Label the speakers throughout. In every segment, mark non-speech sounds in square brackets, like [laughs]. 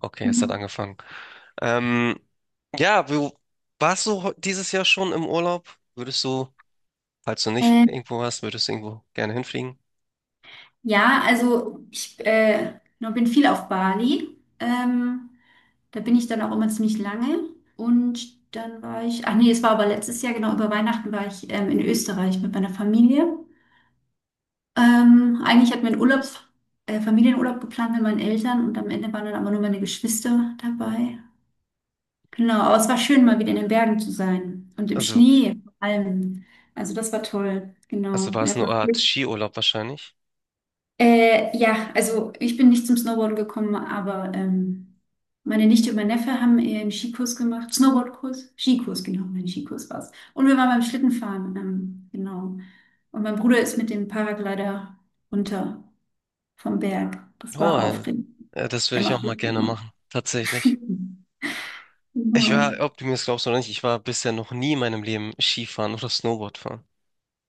Speaker 1: Okay, es hat
Speaker 2: Mhm.
Speaker 1: angefangen. Ähm, ja, du warst du heu- dieses Jahr schon im Urlaub? Würdest du, Falls du nicht
Speaker 2: Ähm,
Speaker 1: irgendwo warst, würdest du irgendwo gerne hinfliegen?
Speaker 2: ja, also ich noch bin viel auf Bali. Da bin ich dann auch immer ziemlich lange. Und dann war ich, ach nee, es war aber letztes Jahr, genau, über Weihnachten war ich in Österreich mit meiner Familie. Eigentlich hatten wir einen Familienurlaub geplant mit meinen Eltern und am Ende waren dann aber nur meine Geschwister dabei. Genau, aber es war schön, mal wieder in den Bergen zu sein und im
Speaker 1: Also,
Speaker 2: Schnee vor allem. Also das war toll,
Speaker 1: also
Speaker 2: genau.
Speaker 1: war
Speaker 2: Wir
Speaker 1: es
Speaker 2: hatten
Speaker 1: eine
Speaker 2: noch.
Speaker 1: Art Skiurlaub wahrscheinlich?
Speaker 2: Ja, also ich bin nicht zum Snowboarden gekommen, aber meine Nichte und mein Neffe haben einen Skikurs gemacht. Snowboardkurs? Skikurs, genau, mein Skikurs war's. Und wir waren beim Schlittenfahren, genau. Und mein Bruder ist mit dem Paraglider runter vom Berg. Das
Speaker 1: Oh,
Speaker 2: war aufregend.
Speaker 1: das würde
Speaker 2: Der
Speaker 1: ich auch
Speaker 2: macht
Speaker 1: mal
Speaker 2: das
Speaker 1: gerne
Speaker 2: immer.
Speaker 1: machen, tatsächlich.
Speaker 2: [laughs] Genau.
Speaker 1: Ob du mir das glaubst oder nicht, ich war bisher noch nie in meinem Leben Skifahren oder Snowboard fahren.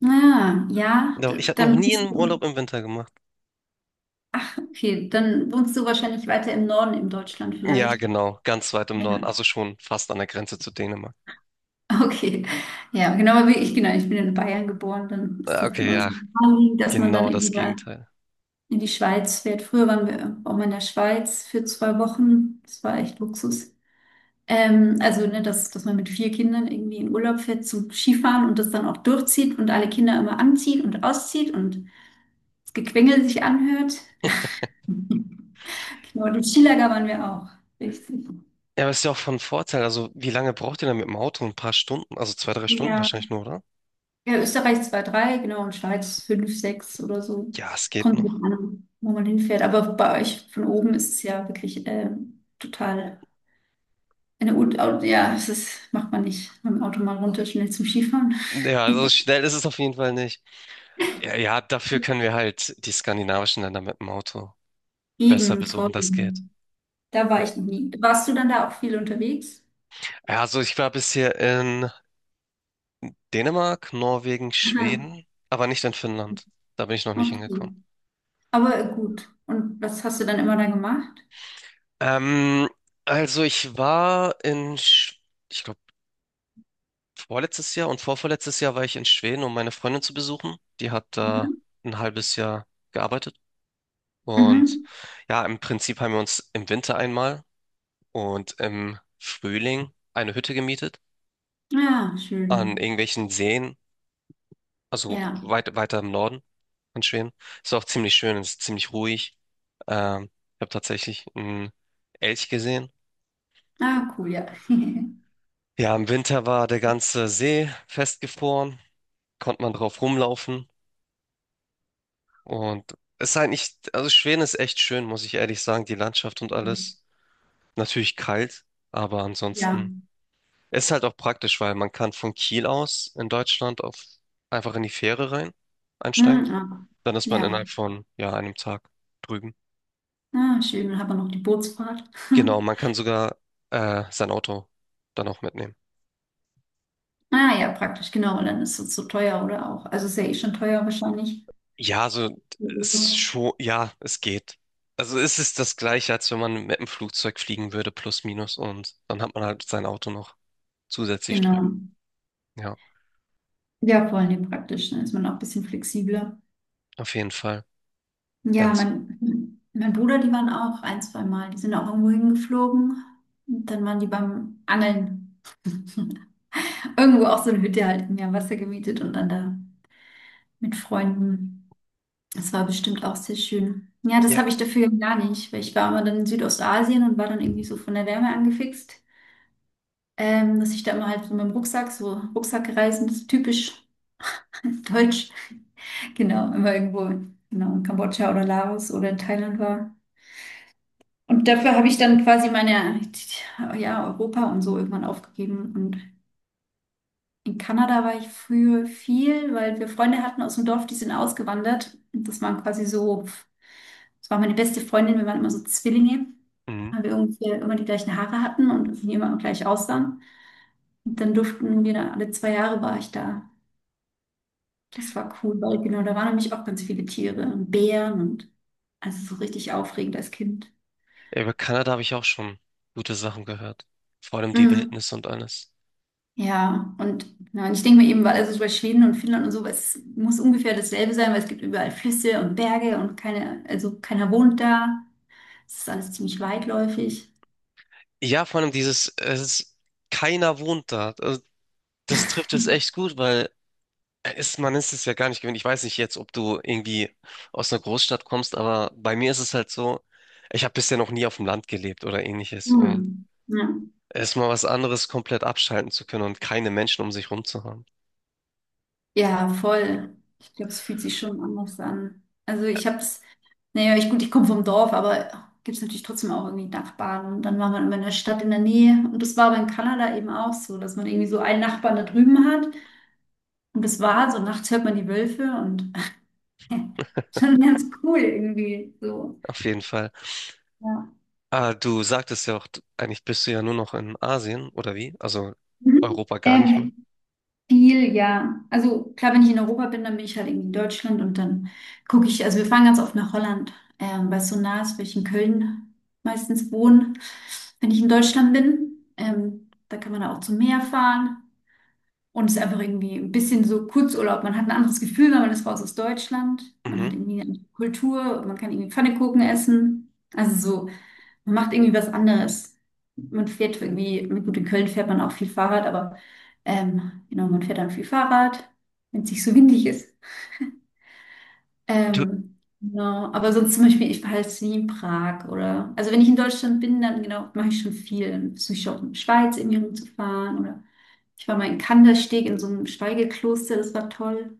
Speaker 2: Ah, ja,
Speaker 1: Doch, ich habe noch nie einen Urlaub im Winter gemacht.
Speaker 2: ach, okay, dann wohnst du wahrscheinlich weiter im Norden in Deutschland
Speaker 1: Ja,
Speaker 2: vielleicht.
Speaker 1: genau, ganz weit im
Speaker 2: Ja.
Speaker 1: Norden, also schon fast an der Grenze zu Dänemark.
Speaker 2: [laughs] Okay, ja, genau, aber genau, ich bin in Bayern geboren, dann ist das
Speaker 1: Okay,
Speaker 2: immer so
Speaker 1: ja,
Speaker 2: naheliegend, dass man dann
Speaker 1: genau das
Speaker 2: irgendwie da
Speaker 1: Gegenteil.
Speaker 2: in die Schweiz fährt. Früher waren wir auch mal in der Schweiz für 2 Wochen, das war echt Luxus. Also, ne, dass man mit vier Kindern irgendwie in Urlaub fährt zum Skifahren und das dann auch durchzieht und alle Kinder immer anzieht und auszieht und das Gequengel sich anhört. [laughs] Genau, im Skilager waren wir auch, richtig.
Speaker 1: Ja, aber ist ja auch von Vorteil. Also, wie lange braucht ihr denn mit dem Auto? Ein paar Stunden? Also zwei, drei Stunden
Speaker 2: Ja,
Speaker 1: wahrscheinlich nur, oder?
Speaker 2: Ja, Österreich zwei drei genau, und Schweiz 5 6 oder so.
Speaker 1: Ja, es geht
Speaker 2: Kommt drauf
Speaker 1: noch.
Speaker 2: an, wo man hinfährt. Aber bei euch von oben ist es ja wirklich total ja, macht man nicht mit dem Auto mal runter, schnell zum Skifahren.
Speaker 1: Ja, also
Speaker 2: [laughs]
Speaker 1: schnell ist es auf jeden Fall nicht. Ja, ja, dafür können wir halt die skandinavischen Länder mit dem Auto besser
Speaker 2: Eben,
Speaker 1: besuchen. Das geht.
Speaker 2: da war ich noch nie. Warst du dann da auch viel unterwegs?
Speaker 1: Ja, also ich war bisher in Dänemark, Norwegen,
Speaker 2: Aha,
Speaker 1: Schweden, aber nicht in Finnland. Da bin ich noch nicht
Speaker 2: okay.
Speaker 1: hingekommen.
Speaker 2: Aber gut. Und was hast du dann immer da gemacht?
Speaker 1: Ähm, also ich war ich glaube, vorletztes Jahr und vorvorletztes Jahr war ich in Schweden, um meine Freundin zu besuchen. Die hat
Speaker 2: Mhm.
Speaker 1: da ein halbes Jahr gearbeitet. Und
Speaker 2: Mhm.
Speaker 1: ja, im Prinzip haben wir uns im Winter einmal und im Frühling eine Hütte gemietet
Speaker 2: Ja,
Speaker 1: an
Speaker 2: schön.
Speaker 1: irgendwelchen Seen, also
Speaker 2: Ja.
Speaker 1: weiter im Norden von Schweden. Ist auch ziemlich schön, ist ziemlich ruhig. Ich habe tatsächlich einen Elch gesehen.
Speaker 2: Ah, cool, ja. [laughs]
Speaker 1: Ja, im Winter war der ganze See festgefroren, konnte man drauf rumlaufen. Und es ist halt nicht, also Schweden ist echt schön, muss ich ehrlich sagen, die Landschaft und alles. Natürlich kalt, aber
Speaker 2: Ja.
Speaker 1: ansonsten ist halt auch praktisch, weil man kann von Kiel aus in Deutschland auf einfach in die Fähre rein einsteigen.
Speaker 2: Mhm. Ah.
Speaker 1: Dann ist man
Speaker 2: Ja.
Speaker 1: innerhalb von ja einem Tag drüben.
Speaker 2: Ah, schön, dann hat man noch die Bootsfahrt. [laughs]
Speaker 1: Genau, man kann sogar sein Auto dann auch mitnehmen.
Speaker 2: Ah ja, praktisch, genau. Und dann ist es so teuer oder auch. Also ist ja eh schon teuer wahrscheinlich.
Speaker 1: Ja, also
Speaker 2: Der
Speaker 1: es
Speaker 2: Urlaub.
Speaker 1: schon, ja, es geht. Also es ist das Gleiche, als wenn man mit dem Flugzeug fliegen würde, plus minus, und dann hat man halt sein Auto noch zusätzlich
Speaker 2: Genau.
Speaker 1: drüben. Ja.
Speaker 2: Ja, vor allem praktisch. Dann ist man auch ein bisschen flexibler.
Speaker 1: Auf jeden Fall.
Speaker 2: Ja,
Speaker 1: Ganz.
Speaker 2: mein Bruder, die waren auch ein, zwei Mal. Die sind auch irgendwo hingeflogen. Und dann waren die beim Angeln. Irgendwo auch so eine Hütte halt im Wasser gemietet und dann da mit Freunden. Das war bestimmt auch sehr schön. Ja, das
Speaker 1: Ja.
Speaker 2: habe ich dafür gar nicht, weil ich war immer dann in Südostasien und war dann irgendwie so von der Wärme angefixt. Dass ich da immer halt so mit dem Rucksack, so Rucksackreisen, das ist typisch [laughs] deutsch, genau, immer irgendwo, genau, in Kambodscha oder Laos oder in Thailand war. Und dafür habe ich dann quasi meine, ja, Europa und so irgendwann aufgegeben. Und in Kanada war ich früher viel, weil wir Freunde hatten aus dem Dorf, die sind ausgewandert. Und das waren quasi so, das war meine beste Freundin, wir waren immer so Zwillinge,
Speaker 1: Mhm.
Speaker 2: weil wir ungefähr immer die gleichen Haare hatten und irgendwie immer gleich aussahen. Und dann durften wir da, alle 2 Jahre war ich da. Das war cool, weil genau, da waren nämlich auch ganz viele Tiere und Bären und also so richtig aufregend als Kind.
Speaker 1: Ja, über Kanada habe ich auch schon gute Sachen gehört. Vor allem die
Speaker 2: Mhm.
Speaker 1: Wildnis und alles.
Speaker 2: Ja, ja, und ich denke mir eben, weil also so bei Schweden und Finnland und so, es muss ungefähr dasselbe sein, weil es gibt überall Flüsse und Berge und keine, also keiner wohnt da. Es ist alles ziemlich weitläufig.
Speaker 1: Ja, vor allem dieses, es ist, keiner wohnt da. Also, das trifft es echt gut, weil es, man ist es ja gar nicht gewöhnt. Ich weiß nicht jetzt, ob du irgendwie aus einer Großstadt kommst, aber bei mir ist es halt so, ich habe bisher noch nie auf dem Land gelebt oder ähnliches. Und
Speaker 2: Mhm. Ja.
Speaker 1: es ist mal was anderes, komplett abschalten zu können und keine Menschen um sich rum zu haben.
Speaker 2: Ja, voll. Ich glaube, es fühlt sich schon anders an. Also ich habe es, naja, ich, gut, ich komme vom Dorf, aber gibt es natürlich trotzdem auch irgendwie Nachbarn. Und dann war man immer in der Stadt in der Nähe. Und das war aber in Kanada eben auch so, dass man irgendwie so einen Nachbarn da drüben hat. Und das war so, nachts hört man die Wölfe und [laughs] schon ganz cool irgendwie so.
Speaker 1: Auf jeden Fall.
Speaker 2: Ja.
Speaker 1: Ah, du sagtest ja auch, eigentlich bist du ja nur noch in Asien, oder wie? Also
Speaker 2: Mhm.
Speaker 1: Europa gar nicht mehr.
Speaker 2: Viel, ja. Also klar, wenn ich in Europa bin, dann bin ich halt irgendwie in Deutschland und dann gucke ich, also wir fahren ganz oft nach Holland, weil es so nah ist, weil ich in Köln meistens wohne, wenn ich in Deutschland bin. Da kann man dann auch zum Meer fahren und es ist einfach irgendwie ein bisschen so Kurzurlaub. Man hat ein anderes Gefühl, weil man ist raus aus Deutschland. Man hat
Speaker 1: Mhm.
Speaker 2: irgendwie eine andere Kultur, man kann irgendwie Pfannkuchen essen. Also so. Man macht irgendwie was anderes. Man fährt irgendwie, gut, in Köln fährt man auch viel Fahrrad, aber genau, man fährt dann viel Fahrrad, wenn es nicht so windig ist.
Speaker 1: Du,
Speaker 2: Genau, aber sonst zum Beispiel, ich war jetzt nie in Prag oder, also wenn ich in Deutschland bin, dann genau, mache ich schon viel. Dann versuche ich auch in der Schweiz irgendwie rumzufahren oder ich war mal in Kandersteg in so einem Schweigekloster, das war toll.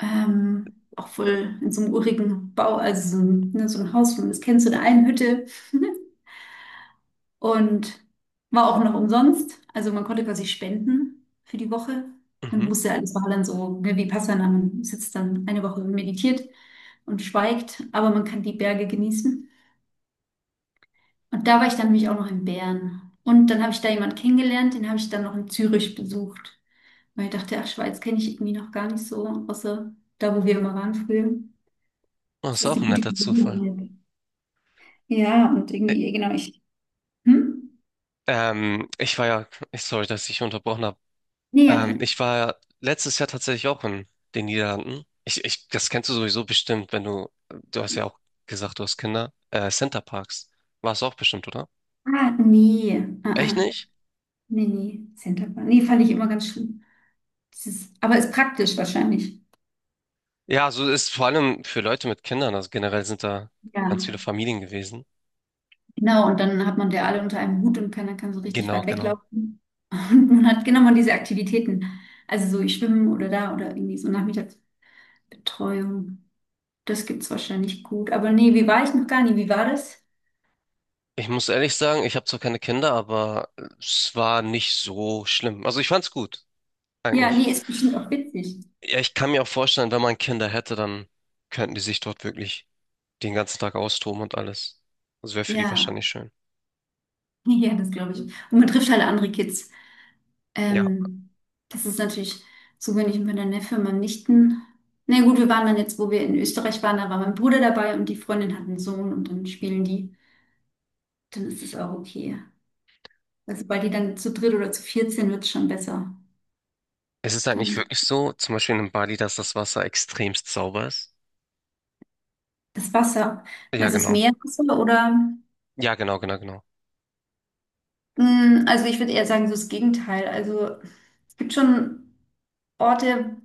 Speaker 2: Auch voll in so einem urigen Bau, also so ein, ne, so ein Haus, das kennst du, in einer Hütte. [laughs] Und war auch noch umsonst. Also man konnte quasi spenden für die Woche und
Speaker 1: mhm.
Speaker 2: musste alles war dann so ne, wie Vipassana. Man sitzt dann eine Woche und meditiert und schweigt, aber man kann die Berge genießen. Und da war ich dann nämlich auch noch in Bern. Und dann habe ich da jemanden kennengelernt, den habe ich dann noch in Zürich besucht, weil ich dachte, ach, Schweiz kenne ich irgendwie noch gar nicht so, außer da, wo wir immer waren früher.
Speaker 1: Oh, das
Speaker 2: Das
Speaker 1: ist
Speaker 2: ist
Speaker 1: auch
Speaker 2: eine
Speaker 1: ein
Speaker 2: gute
Speaker 1: netter Zufall.
Speaker 2: Gelegenheit. Ja, und
Speaker 1: Ä-
Speaker 2: irgendwie, genau, ich. Hm?
Speaker 1: Ich war ja, ich, sorry, dass ich unterbrochen habe.
Speaker 2: Nee, ja, klar.
Speaker 1: Ich war letztes Jahr tatsächlich auch in den Niederlanden. Das kennst du sowieso bestimmt, wenn du hast ja auch gesagt, du hast Kinder. Centerparks. War es auch bestimmt, oder?
Speaker 2: Ah, nee. Ah,
Speaker 1: Echt
Speaker 2: ah.
Speaker 1: nicht?
Speaker 2: Nee, nee, Centerband. Nee, fand ich immer ganz schlimm. Das ist, aber ist praktisch wahrscheinlich.
Speaker 1: Ja, so ist vor allem für Leute mit Kindern, also generell sind da ganz viele
Speaker 2: Ja,
Speaker 1: Familien gewesen.
Speaker 2: genau. Und dann hat man der alle unter einem Hut und keiner kann so richtig
Speaker 1: Genau,
Speaker 2: weit
Speaker 1: genau.
Speaker 2: weglaufen. Und man hat genau mal diese Aktivitäten. Also so ich schwimmen oder da oder irgendwie so Nachmittagsbetreuung. Das gibt's wahrscheinlich gut. Aber nee, wie war ich noch gar nie? Wie war das?
Speaker 1: Ich muss ehrlich sagen, ich habe zwar keine Kinder, aber es war nicht so schlimm. Also ich fand's gut,
Speaker 2: Ja,
Speaker 1: eigentlich.
Speaker 2: nee, ist bestimmt auch witzig.
Speaker 1: Ja, ich kann mir auch vorstellen, wenn man Kinder hätte, dann könnten die sich dort wirklich den ganzen Tag austoben und alles. Das wäre für die
Speaker 2: Ja,
Speaker 1: wahrscheinlich schön.
Speaker 2: [laughs] ja, das glaube ich. Und man trifft halt andere Kids.
Speaker 1: Ja,
Speaker 2: Ähm, Das ist natürlich so, wenn ich mit meiner Neffe, meinem Nichten. Na nee, gut, wir waren dann jetzt, wo wir in Österreich waren, da war mein Bruder dabei und die Freundin hat einen Sohn und dann spielen die. Dann ist es auch okay. Also, weil die dann zu dritt oder zu viert sind, wird es schon besser.
Speaker 1: es ist halt nicht
Speaker 2: Dann
Speaker 1: wirklich so, zum Beispiel in Bali, dass das Wasser extremst sauber ist.
Speaker 2: das Wasser.
Speaker 1: Ja,
Speaker 2: Meinst du das
Speaker 1: genau.
Speaker 2: Meerwasser oder?
Speaker 1: Ja, genau.
Speaker 2: Also ich würde eher sagen, so das Gegenteil. Also es gibt schon Orte,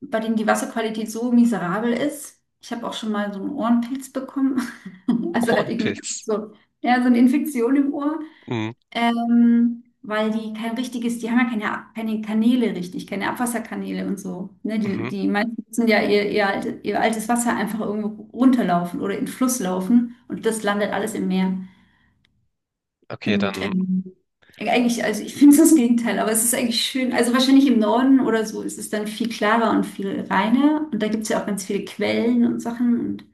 Speaker 2: bei denen die Wasserqualität so miserabel ist. Ich habe auch schon mal so einen Ohrenpilz bekommen. [laughs]
Speaker 1: [laughs]
Speaker 2: Also halt irgendwie
Speaker 1: Ohrenpilz.
Speaker 2: so, ja, so eine Infektion im Ohr.
Speaker 1: Mhm.
Speaker 2: Weil die kein richtiges, die haben ja keine, keine Kanäle richtig, keine Abwasserkanäle und so. Ne, die,
Speaker 1: Mhm.
Speaker 2: die meisten müssen ja ihr altes Wasser einfach irgendwo runterlaufen oder in den Fluss laufen und das landet alles im Meer.
Speaker 1: Okay,
Speaker 2: Und
Speaker 1: dann,
Speaker 2: eigentlich, also ich finde es das Gegenteil, aber es ist eigentlich schön. Also wahrscheinlich im Norden oder so ist es dann viel klarer und viel reiner. Und da gibt es ja auch ganz viele Quellen und Sachen und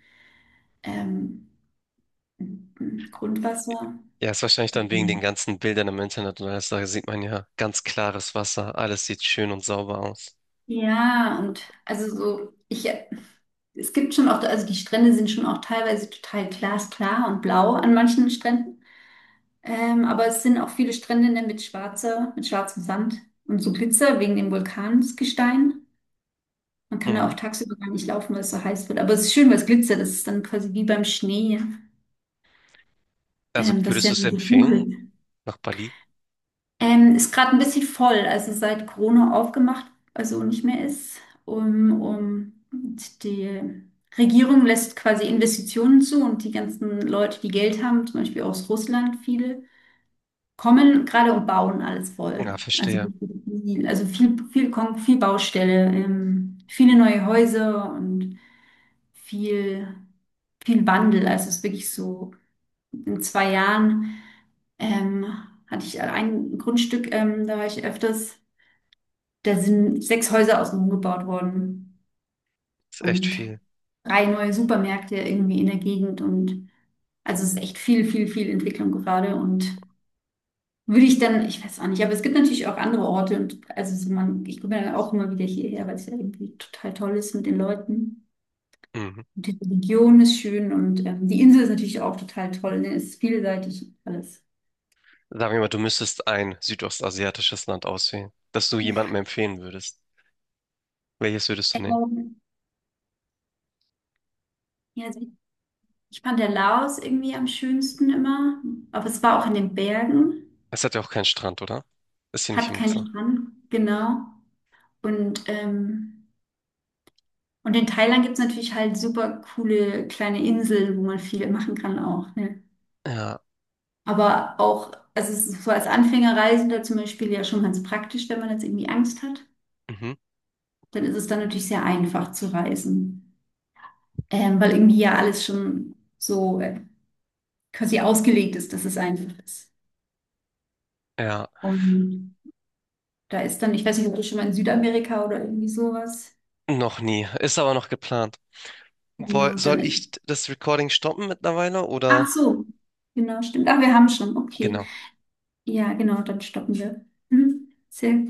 Speaker 2: ähm, Grundwasser.
Speaker 1: ja, ist wahrscheinlich dann wegen den ganzen Bildern im Internet und alles, da sieht man ja ganz klares Wasser, alles sieht schön und sauber aus.
Speaker 2: Ja, und also so, es gibt schon auch, also die Strände sind schon auch teilweise total glasklar und blau an manchen Stränden. Aber es sind auch viele Strände ne, mit schwarzer, mit schwarzem Sand und so Glitzer wegen dem Vulkansgestein. Man kann da auch
Speaker 1: Mhm.
Speaker 2: tagsüber gar nicht laufen, weil es so heiß wird. Aber es ist schön, weil es glitzert. Es ist dann quasi wie beim Schnee,
Speaker 1: Also
Speaker 2: dass
Speaker 1: würdest du
Speaker 2: der
Speaker 1: es
Speaker 2: dann so
Speaker 1: empfehlen
Speaker 2: funkelt.
Speaker 1: nach Bali?
Speaker 2: Ist gerade ein bisschen voll, also seit Corona aufgemacht, also nicht mehr ist. Und die Regierung lässt quasi Investitionen zu und die ganzen Leute, die Geld haben, zum Beispiel aus Russland viele, kommen gerade und bauen alles
Speaker 1: Ja,
Speaker 2: voll. Also,
Speaker 1: verstehe.
Speaker 2: also viel Baustelle, viele neue Häuser und viel, viel Wandel. Also es ist wirklich so, in 2 Jahren ähm, hatte ich ein Grundstück, da war ich öfters, da sind sechs Häuser außenrum gebaut worden
Speaker 1: Ist echt
Speaker 2: und
Speaker 1: viel.
Speaker 2: drei neue Supermärkte irgendwie in der Gegend und also es ist echt viel, viel, viel Entwicklung gerade und würde ich dann, ich weiß auch nicht, aber es gibt natürlich auch andere Orte und also so man, ich komme dann auch immer wieder hierher, weil es ja irgendwie total toll ist mit den Leuten.
Speaker 1: Mhm.
Speaker 2: Und die Region ist schön und die Insel ist natürlich auch total toll. Ne? Es ist vielseitig alles.
Speaker 1: Sagen wir mal, du müsstest ein südostasiatisches Land auswählen, das du jemandem empfehlen würdest. Welches würdest du nehmen?
Speaker 2: Ähm, ja, also ich fand der Laos irgendwie am schönsten immer, aber es war auch in den Bergen,
Speaker 1: Es hat ja auch keinen Strand, oder? Ist hier nicht
Speaker 2: hat
Speaker 1: im Wasser.
Speaker 2: keinen Strand, genau. Und, ähm, und in Thailand gibt es natürlich halt super coole kleine Inseln, wo man viel machen kann auch. Ne?
Speaker 1: Ja,
Speaker 2: Aber auch, also es ist so als Anfängerreisender zum Beispiel ja schon ganz praktisch, wenn man jetzt irgendwie Angst hat,
Speaker 1: mhm.
Speaker 2: dann ist es dann natürlich sehr einfach zu reisen. Weil irgendwie ja alles schon so quasi ausgelegt ist, dass es einfach ist.
Speaker 1: Ja,
Speaker 2: Und da ist dann, ich weiß nicht, ob du schon mal in Südamerika oder irgendwie sowas.
Speaker 1: noch nie. Ist aber noch geplant. Woll,
Speaker 2: Genau,
Speaker 1: soll
Speaker 2: dann ist,
Speaker 1: ich das Recording stoppen mittlerweile
Speaker 2: ach
Speaker 1: oder?
Speaker 2: so, genau, stimmt. Ach, wir haben schon, okay.
Speaker 1: Genau.
Speaker 2: Ja, genau, dann stoppen wir. Mhm. Sehr